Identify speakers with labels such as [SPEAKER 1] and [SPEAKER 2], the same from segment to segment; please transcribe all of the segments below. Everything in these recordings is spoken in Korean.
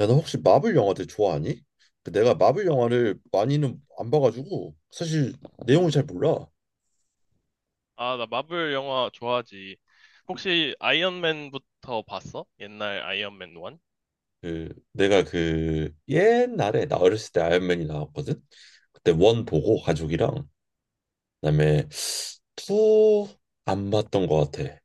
[SPEAKER 1] 야, 너 혹시 마블 영화들 좋아하니? 그 내가 마블
[SPEAKER 2] 아,
[SPEAKER 1] 영화를 많이는 안 봐가지고 사실 내용을 잘 몰라.
[SPEAKER 2] 나 마블 영화 좋아하지. 혹시 아이언맨부터 봤어? 옛날 아이언맨 1?
[SPEAKER 1] 그 내가 그 옛날에 나 어렸을 때 아이언맨이 나왔거든. 그때 원 보고 가족이랑 그다음에 투 안 봤던 것 같아.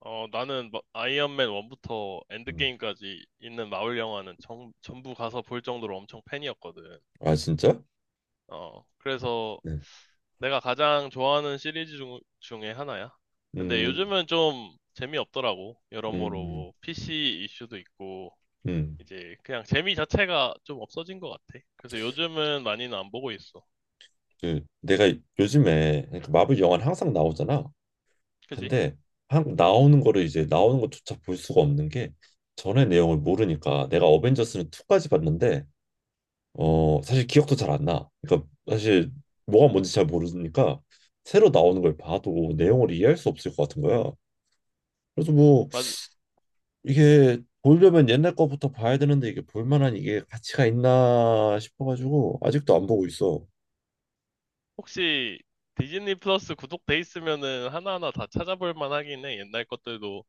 [SPEAKER 2] 어, 나는 아이언맨 1부터
[SPEAKER 1] 음.
[SPEAKER 2] 엔드게임까지 있는 마블 영화는 전부 가서 볼 정도로 엄청 팬이었거든.
[SPEAKER 1] 아 진짜?
[SPEAKER 2] 어, 그래서
[SPEAKER 1] 네.
[SPEAKER 2] 내가 가장 좋아하는 시리즈 중에 하나야. 근데
[SPEAKER 1] 음,
[SPEAKER 2] 요즘은 좀 재미없더라고. 여러모로
[SPEAKER 1] 음,
[SPEAKER 2] 뭐 PC 이슈도 있고,
[SPEAKER 1] 음.
[SPEAKER 2] 이제 그냥 재미 자체가 좀 없어진 것 같아. 그래서 요즘은 많이는 안 보고 있어.
[SPEAKER 1] 그 내가 요즘에 그러니까 마블 영화는 항상 나오잖아.
[SPEAKER 2] 그지?
[SPEAKER 1] 근데 한국 나오는 거를 이제 나오는 것조차 볼 수가 없는 게 전의 내용을 모르니까 내가 어벤져스는 2까지 봤는데 사실 기억도 잘 안 나. 그러니까 사실 뭐가 뭔지 잘 모르니까 새로 나오는 걸 봐도 내용을 이해할 수 없을 것 같은 거야. 그래서 뭐
[SPEAKER 2] 맞아.
[SPEAKER 1] 이게 보려면 옛날 거부터 봐야 되는데 이게 볼 만한 이게 가치가 있나 싶어가지고 아직도 안 보고 있어.
[SPEAKER 2] 혹시 디즈니 플러스 구독돼 있으면은 하나하나 다 찾아볼 만하긴 해. 옛날 것들도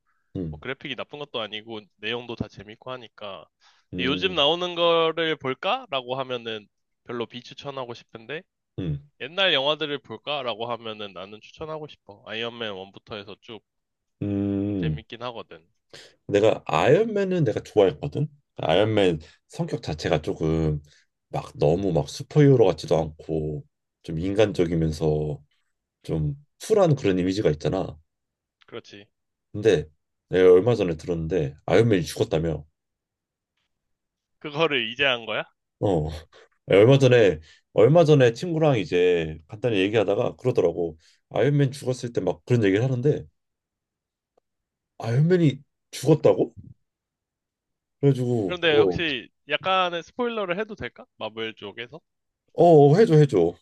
[SPEAKER 2] 뭐
[SPEAKER 1] 음,
[SPEAKER 2] 그래픽이 나쁜 것도 아니고 내용도 다 재밌고 하니까. 근데 요즘
[SPEAKER 1] 음,
[SPEAKER 2] 나오는 거를 볼까라고 하면은 별로 비추천하고 싶은데
[SPEAKER 1] 음,
[SPEAKER 2] 옛날 영화들을 볼까라고 하면은 나는 추천하고 싶어. 아이언맨 1부터 해서 쭉
[SPEAKER 1] 음.
[SPEAKER 2] 재밌긴 하거든.
[SPEAKER 1] 내가 아이언맨은 내가 좋아했거든. 아이언맨 성격 자체가 조금 막 너무 막 슈퍼히어로 같지도 않고 좀 인간적이면서 좀 쿨한 그런 이미지가 있잖아.
[SPEAKER 2] 그렇지.
[SPEAKER 1] 근데 내가 얼마 전에 들었는데 아이언맨이 죽었다며.
[SPEAKER 2] 그거를 이제 한 거야?
[SPEAKER 1] 어. 얼마 전에 얼마 전에 친구랑 이제 간단히 얘기하다가 그러더라고. 아이언맨 죽었을 때 막 그런 얘기를 하는데 아이언맨이 죽었다고? 그래가지고
[SPEAKER 2] 그런데
[SPEAKER 1] 어,
[SPEAKER 2] 혹시 약간의 스포일러를 해도 될까? 마블 쪽에서?
[SPEAKER 1] 어 해줘 해줘.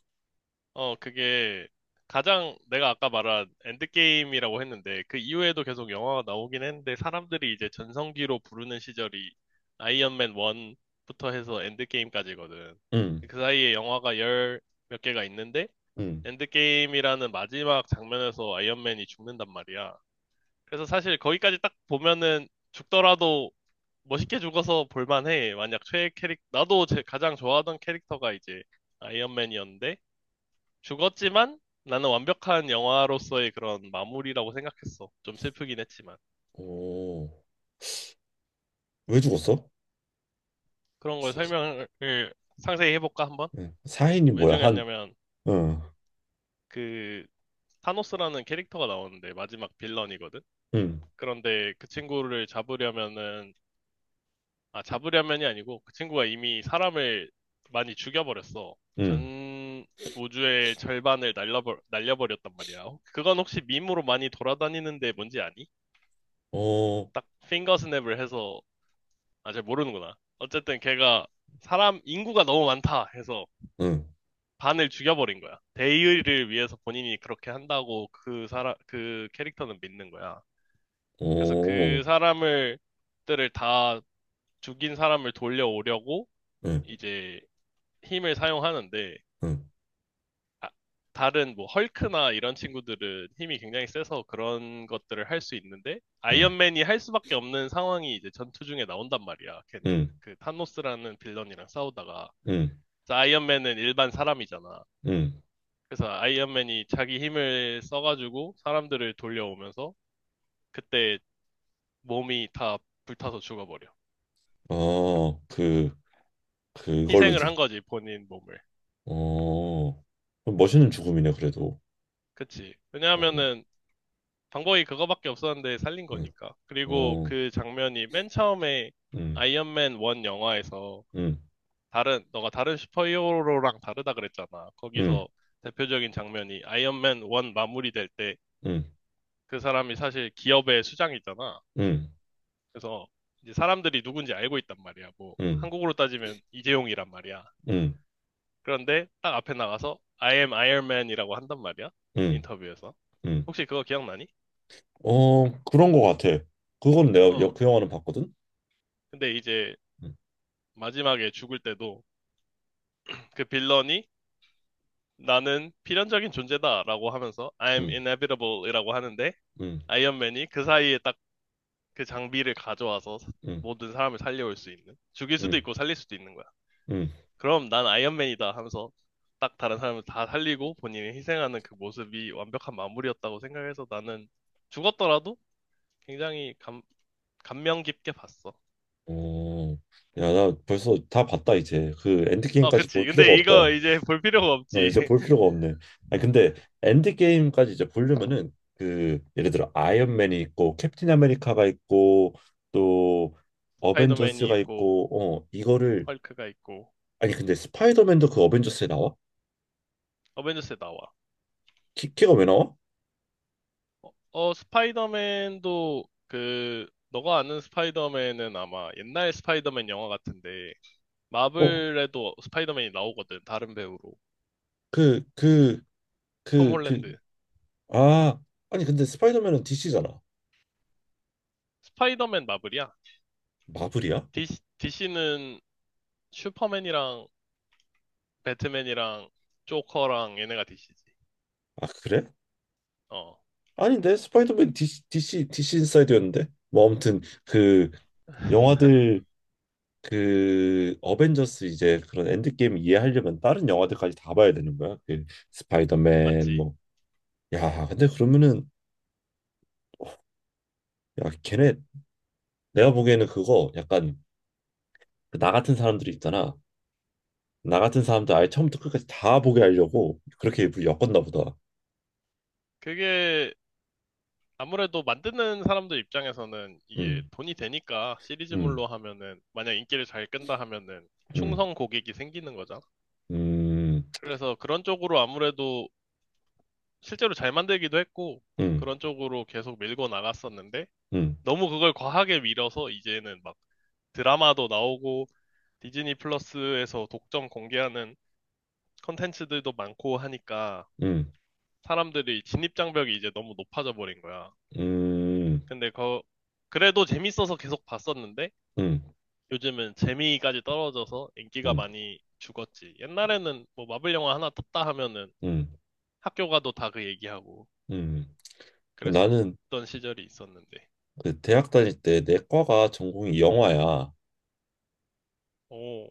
[SPEAKER 2] 어, 그게 가장 내가 아까 말한 엔드게임이라고 했는데 그 이후에도 계속 영화가 나오긴 했는데 사람들이 이제 전성기로 부르는 시절이 아이언맨 1부터 해서 엔드게임까지거든.
[SPEAKER 1] 응,
[SPEAKER 2] 그 사이에 영화가 열 몇 개가 있는데
[SPEAKER 1] 응.
[SPEAKER 2] 엔드게임이라는 마지막 장면에서 아이언맨이 죽는단 말이야. 그래서 사실 거기까지 딱 보면은 죽더라도 멋있게 죽어서 볼만해. 만약 나도 제 가장 좋아하던 캐릭터가 이제 아이언맨이었는데 죽었지만 나는 완벽한 영화로서의 그런 마무리라고 생각했어. 좀 슬프긴 했지만.
[SPEAKER 1] 오. 왜 죽었어?
[SPEAKER 2] 그런 걸 설명을 상세히 해볼까, 한번?
[SPEAKER 1] 응. 사인이
[SPEAKER 2] 왜
[SPEAKER 1] 뭐야? 한,
[SPEAKER 2] 중요했냐면,
[SPEAKER 1] 응,
[SPEAKER 2] 그, 타노스라는 캐릭터가 나오는데, 마지막 빌런이거든?
[SPEAKER 1] 응,
[SPEAKER 2] 그런데 그 친구를 잡으려면은, 아, 잡으려면이 아니고, 그 친구가 이미 사람을 많이 죽여버렸어.
[SPEAKER 1] 응,
[SPEAKER 2] 전 우주의 절반을 날려버렸단 말이야. 그건 혹시 밈으로 많이 돌아다니는데 뭔지 아니?
[SPEAKER 1] 어,
[SPEAKER 2] 딱, 핑거 스냅을 해서 아, 잘 모르는구나. 어쨌든 걔가 사람 인구가 너무 많다 해서
[SPEAKER 1] 응,
[SPEAKER 2] 반을 죽여버린 거야. 대의를 위해서 본인이 그렇게 한다고 그 사람, 그 캐릭터는 믿는 거야. 그래서
[SPEAKER 1] 오,
[SPEAKER 2] 그 사람을, 들을 다 죽인 사람을 돌려오려고
[SPEAKER 1] 응,
[SPEAKER 2] 이제 힘을 사용하는데,
[SPEAKER 1] 응,
[SPEAKER 2] 아, 다른 뭐 헐크나 이런 친구들은 힘이 굉장히 세서 그런 것들을 할 수 있는데,
[SPEAKER 1] 응,
[SPEAKER 2] 아이언맨이 할 수밖에 없는 상황이 이제 전투 중에 나온단 말이야. 걔네,
[SPEAKER 1] 응,
[SPEAKER 2] 그 타노스라는 빌런이랑 싸우다가.
[SPEAKER 1] 응,
[SPEAKER 2] 그래서 아이언맨은 일반 사람이잖아.
[SPEAKER 1] 응,
[SPEAKER 2] 그래서 아이언맨이 자기 힘을 써가지고 사람들을 돌려오면서 그때 몸이 다 불타서 죽어버려.
[SPEAKER 1] 어, 그걸로
[SPEAKER 2] 희생을
[SPEAKER 1] 죽,
[SPEAKER 2] 한 거지, 본인 몸을.
[SPEAKER 1] 어, 그럼 멋있는 죽음이네, 그래도.
[SPEAKER 2] 그치.
[SPEAKER 1] 어,
[SPEAKER 2] 왜냐하면은 방법이 그거밖에 없었는데 살린
[SPEAKER 1] 응,
[SPEAKER 2] 거니까. 그리고
[SPEAKER 1] 어,
[SPEAKER 2] 그 장면이 맨 처음에
[SPEAKER 1] 응,
[SPEAKER 2] 아이언맨 1 영화에서
[SPEAKER 1] 응,
[SPEAKER 2] 다른, 너가 다른 슈퍼히어로랑 다르다 그랬잖아.
[SPEAKER 1] 응,
[SPEAKER 2] 거기서 대표적인 장면이 아이언맨 1 마무리될 때
[SPEAKER 1] 응,
[SPEAKER 2] 그 사람이 사실 기업의 수장이잖아.
[SPEAKER 1] 응,
[SPEAKER 2] 그래서 이제 사람들이 누군지 알고 있단 말이야. 뭐
[SPEAKER 1] 응,
[SPEAKER 2] 한국으로 따지면 이재용이란 말이야.
[SPEAKER 1] 응,
[SPEAKER 2] 그런데 딱 앞에 나가서 I am Iron Man이라고 한단 말이야.
[SPEAKER 1] 응,
[SPEAKER 2] 인터뷰에서.
[SPEAKER 1] 응,
[SPEAKER 2] 혹시 그거 기억나니?
[SPEAKER 1] 어, 그런 거 같아. 그건 내가
[SPEAKER 2] 어.
[SPEAKER 1] 그 영화는 봤거든?
[SPEAKER 2] 근데 이제
[SPEAKER 1] 응,
[SPEAKER 2] 마지막에 죽을 때도 그 빌런이 나는 필연적인 존재다라고 하면서 I'm
[SPEAKER 1] 응,
[SPEAKER 2] inevitable이라고 하는데
[SPEAKER 1] 응,
[SPEAKER 2] 아이언맨이 그 사이에 딱 그 장비를 가져와서
[SPEAKER 1] 응,
[SPEAKER 2] 모든 사람을 살려올 수 있는 죽일 수도
[SPEAKER 1] 응,
[SPEAKER 2] 있고 살릴 수도 있는 거야.
[SPEAKER 1] 응.
[SPEAKER 2] 그럼 난 아이언맨이다 하면서 딱 다른 사람을 다 살리고 본인이 희생하는 그 모습이 완벽한 마무리였다고 생각해서 나는 죽었더라도 굉장히 감명 깊게 봤어.
[SPEAKER 1] 어, 야, 나 벌써 다 봤다 이제. 그
[SPEAKER 2] 어,
[SPEAKER 1] 엔드게임까지 볼
[SPEAKER 2] 그치.
[SPEAKER 1] 필요가
[SPEAKER 2] 근데 이거
[SPEAKER 1] 없다.
[SPEAKER 2] 이제 볼 필요가
[SPEAKER 1] 나
[SPEAKER 2] 없지.
[SPEAKER 1] 이제 볼 필요가 없네. 아니 근데 엔드게임까지 이제 보려면은 그 예를 들어 아이언맨이 있고 캡틴 아메리카가 있고 또
[SPEAKER 2] 스파이더맨이
[SPEAKER 1] 어벤져스가
[SPEAKER 2] 있고,
[SPEAKER 1] 있고 이거를
[SPEAKER 2] 헐크가 있고,
[SPEAKER 1] 아니 근데 스파이더맨도 그 어벤져스에 나와?
[SPEAKER 2] 어벤져스에 나와.
[SPEAKER 1] 키가 왜 나와?
[SPEAKER 2] 어, 어, 스파이더맨도 그, 너가 아는 스파이더맨은 아마 옛날 스파이더맨 영화 같은데,
[SPEAKER 1] 어,
[SPEAKER 2] 마블에도 스파이더맨이 나오거든, 다른 배우로.
[SPEAKER 1] 그 그
[SPEAKER 2] 톰
[SPEAKER 1] 그
[SPEAKER 2] 홀랜드.
[SPEAKER 1] 아 아니 근데 스파이더맨은 DC잖아.
[SPEAKER 2] 스파이더맨 마블이야.
[SPEAKER 1] 마블이야?
[SPEAKER 2] DC, 는 슈퍼맨이랑 배트맨이랑 조커랑 얘네가 DC지.
[SPEAKER 1] 아 그래?
[SPEAKER 2] 어.
[SPEAKER 1] 아닌데 스파이더맨 DC 디 c 인사이드였는데 뭐 아무튼 그 영화들 그 어벤져스 이제 그런 엔드게임 이해하려면 다른 영화들까지 다 봐야 되는 거야 그
[SPEAKER 2] 마-
[SPEAKER 1] 스파이더맨
[SPEAKER 2] 맞지.
[SPEAKER 1] 뭐 야 근데 그러면은 야 걔네 내가 보기에는 그거 약간 그나 같은 사람들이 있잖아 나 같은 사람들 아예 처음부터 끝까지 다 보게 하려고 그렇게 일부러 엮었나 보다
[SPEAKER 2] 그게 아무래도 만드는 사람들 입장에서는 이게
[SPEAKER 1] 음
[SPEAKER 2] 돈이 되니까
[SPEAKER 1] 음,
[SPEAKER 2] 시리즈물로 하면은 만약 인기를 잘 끈다 하면은
[SPEAKER 1] 음,
[SPEAKER 2] 충성 고객이 생기는 거잖아.
[SPEAKER 1] 음,
[SPEAKER 2] 그래서 그런 쪽으로 아무래도 실제로 잘 만들기도 했고
[SPEAKER 1] 음,
[SPEAKER 2] 그런 쪽으로 계속 밀고 나갔었는데
[SPEAKER 1] 음,
[SPEAKER 2] 너무 그걸 과하게 밀어서 이제는 막 드라마도 나오고 디즈니 플러스에서 독점 공개하는 컨텐츠들도 많고 하니까
[SPEAKER 1] 음,
[SPEAKER 2] 사람들이 진입장벽이 이제 너무 높아져 버린 거야.
[SPEAKER 1] 음,
[SPEAKER 2] 근데 그, 그래도 재밌어서 계속 봤었는데
[SPEAKER 1] 음,
[SPEAKER 2] 요즘은 재미까지 떨어져서 인기가
[SPEAKER 1] 음,
[SPEAKER 2] 많이 죽었지. 옛날에는 뭐 마블 영화 하나 떴다 하면은
[SPEAKER 1] 음,
[SPEAKER 2] 학교 가도 다 그 얘기하고
[SPEAKER 1] 음. 나는
[SPEAKER 2] 그랬었던 시절이 있었는데.
[SPEAKER 1] 그 대학 다닐 때 내 과가 전공이 영화야.
[SPEAKER 2] 오,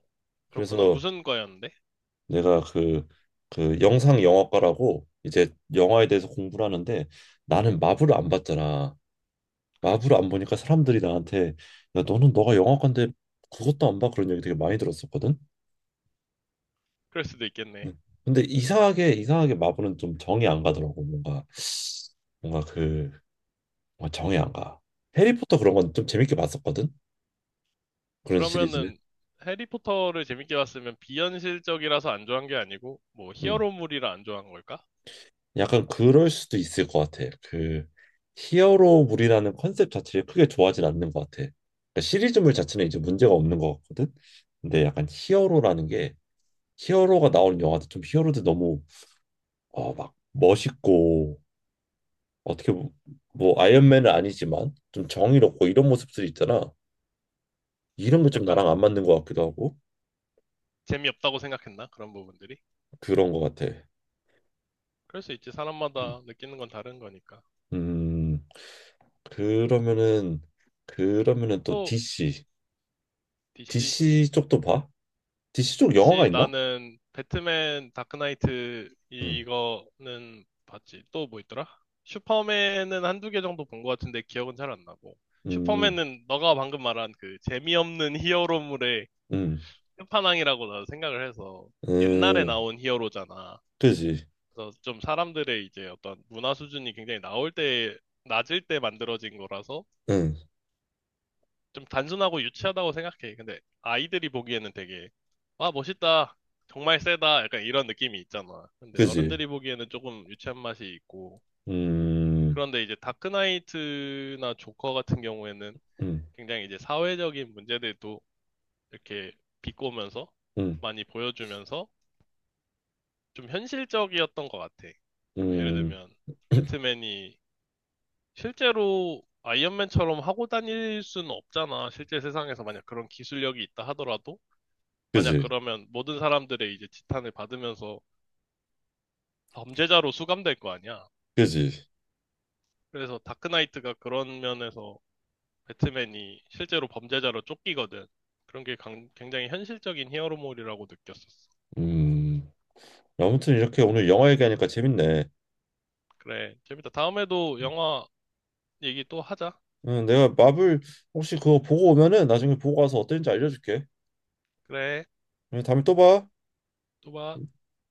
[SPEAKER 2] 그렇구나.
[SPEAKER 1] 그래서
[SPEAKER 2] 무슨 과였는데?
[SPEAKER 1] 내가 그 영상 영화과라고 이제 영화에 대해서 공부를 하는데 나는 마블을 안 봤잖아. 마블을
[SPEAKER 2] 그렇지.
[SPEAKER 1] 안 보니까 사람들이 나한테 야 너는 너가 영화과인데 그것도 안 봐? 그런 얘기 되게 많이 들었었거든.
[SPEAKER 2] 그럴 수도
[SPEAKER 1] 응.
[SPEAKER 2] 있겠네.
[SPEAKER 1] 근데 이상하게 이상하게 마블은 좀 정이 안 가더라고. 뭔가 그 뭔가 정이 안 가. 해리포터 그런 건 좀 재밌게 봤었거든. 그런 시리즈는.
[SPEAKER 2] 그러면은 해리포터를 재밌게 봤으면 비현실적이라서 안 좋아한 게 아니고 뭐
[SPEAKER 1] 응.
[SPEAKER 2] 히어로물이라 안 좋아한 걸까?
[SPEAKER 1] 약간 그럴 수도 있을 것 같아. 그 히어로물이라는 컨셉 자체를 크게 좋아하진 않는 것 같아. 그러니까 시리즈물 자체는 이제 문제가 없는 것 같거든. 근데 약간 히어로라는 게 히어로가 나오는 영화도 좀 히어로들 너무 막 멋있고 어떻게 보- 뭐 아이언맨은 아니지만 좀 정의롭고 이런 모습들이 있잖아. 이런 게 좀
[SPEAKER 2] 약간
[SPEAKER 1] 나랑 안 맞는 것 같기도 하고
[SPEAKER 2] 재미없다고 생각했나? 그런 부분들이?
[SPEAKER 1] 그런 것 같아.
[SPEAKER 2] 그럴 수 있지. 사람마다 느끼는 건 다른 거니까.
[SPEAKER 1] 음 그러면은 그러면은 또
[SPEAKER 2] 또
[SPEAKER 1] DC
[SPEAKER 2] DC.
[SPEAKER 1] DC 쪽도 봐? DC 쪽
[SPEAKER 2] DC
[SPEAKER 1] 영화가 있나?
[SPEAKER 2] 나는 배트맨 다크나이트
[SPEAKER 1] 응,
[SPEAKER 2] 이거는 봤지. 또 뭐 있더라? 슈퍼맨은 한두 개 정도 본 것 같은데 기억은 잘 안 나고.
[SPEAKER 1] 음,
[SPEAKER 2] 슈퍼맨은 너가 방금 말한 그 재미없는 히어로물에
[SPEAKER 1] 음,
[SPEAKER 2] 끝판왕이라고 나도 생각을 해서 옛날에
[SPEAKER 1] 음,
[SPEAKER 2] 나온 히어로잖아.
[SPEAKER 1] 그지,
[SPEAKER 2] 그래서 좀 사람들의 이제 어떤 문화 수준이 굉장히 나올 때, 낮을 때 만들어진 거라서
[SPEAKER 1] 응,
[SPEAKER 2] 좀 단순하고 유치하다고 생각해. 근데 아이들이 보기에는 되게, 와, 멋있다. 정말 세다. 약간 이런 느낌이 있잖아. 근데
[SPEAKER 1] 그지,
[SPEAKER 2] 어른들이 보기에는 조금 유치한 맛이 있고.
[SPEAKER 1] 음,
[SPEAKER 2] 그런데 이제 다크나이트나 조커 같은 경우에는
[SPEAKER 1] 음,
[SPEAKER 2] 굉장히 이제 사회적인 문제들도 이렇게 비꼬면서
[SPEAKER 1] 음,
[SPEAKER 2] 많이 보여주면서 좀 현실적이었던 것 같아. 뭐 예를
[SPEAKER 1] 음,
[SPEAKER 2] 들면 배트맨이 실제로 아이언맨처럼 하고 다닐 수는 없잖아. 실제 세상에서 만약 그런 기술력이 있다 하더라도 만약
[SPEAKER 1] 그지,
[SPEAKER 2] 그러면 모든 사람들의 이제 지탄을 받으면서 범죄자로 수감될 거 아니야.
[SPEAKER 1] 그지,
[SPEAKER 2] 그래서 다크나이트가 그런 면에서 배트맨이 실제로 범죄자로 쫓기거든. 그런 게 굉장히 현실적인 히어로물이라고 느꼈었어.
[SPEAKER 1] 음. 아무튼 이렇게 오늘 영화 얘기하니까 재밌네.
[SPEAKER 2] 그래, 재밌다. 다음에도 영화 얘기 또 하자.
[SPEAKER 1] 응, 내가 마블 혹시 그거 보고 오면은 나중에 보고 와서 어땠는지 알려줄게.
[SPEAKER 2] 그래,
[SPEAKER 1] 응, 다음에 또 봐.
[SPEAKER 2] 또 봐.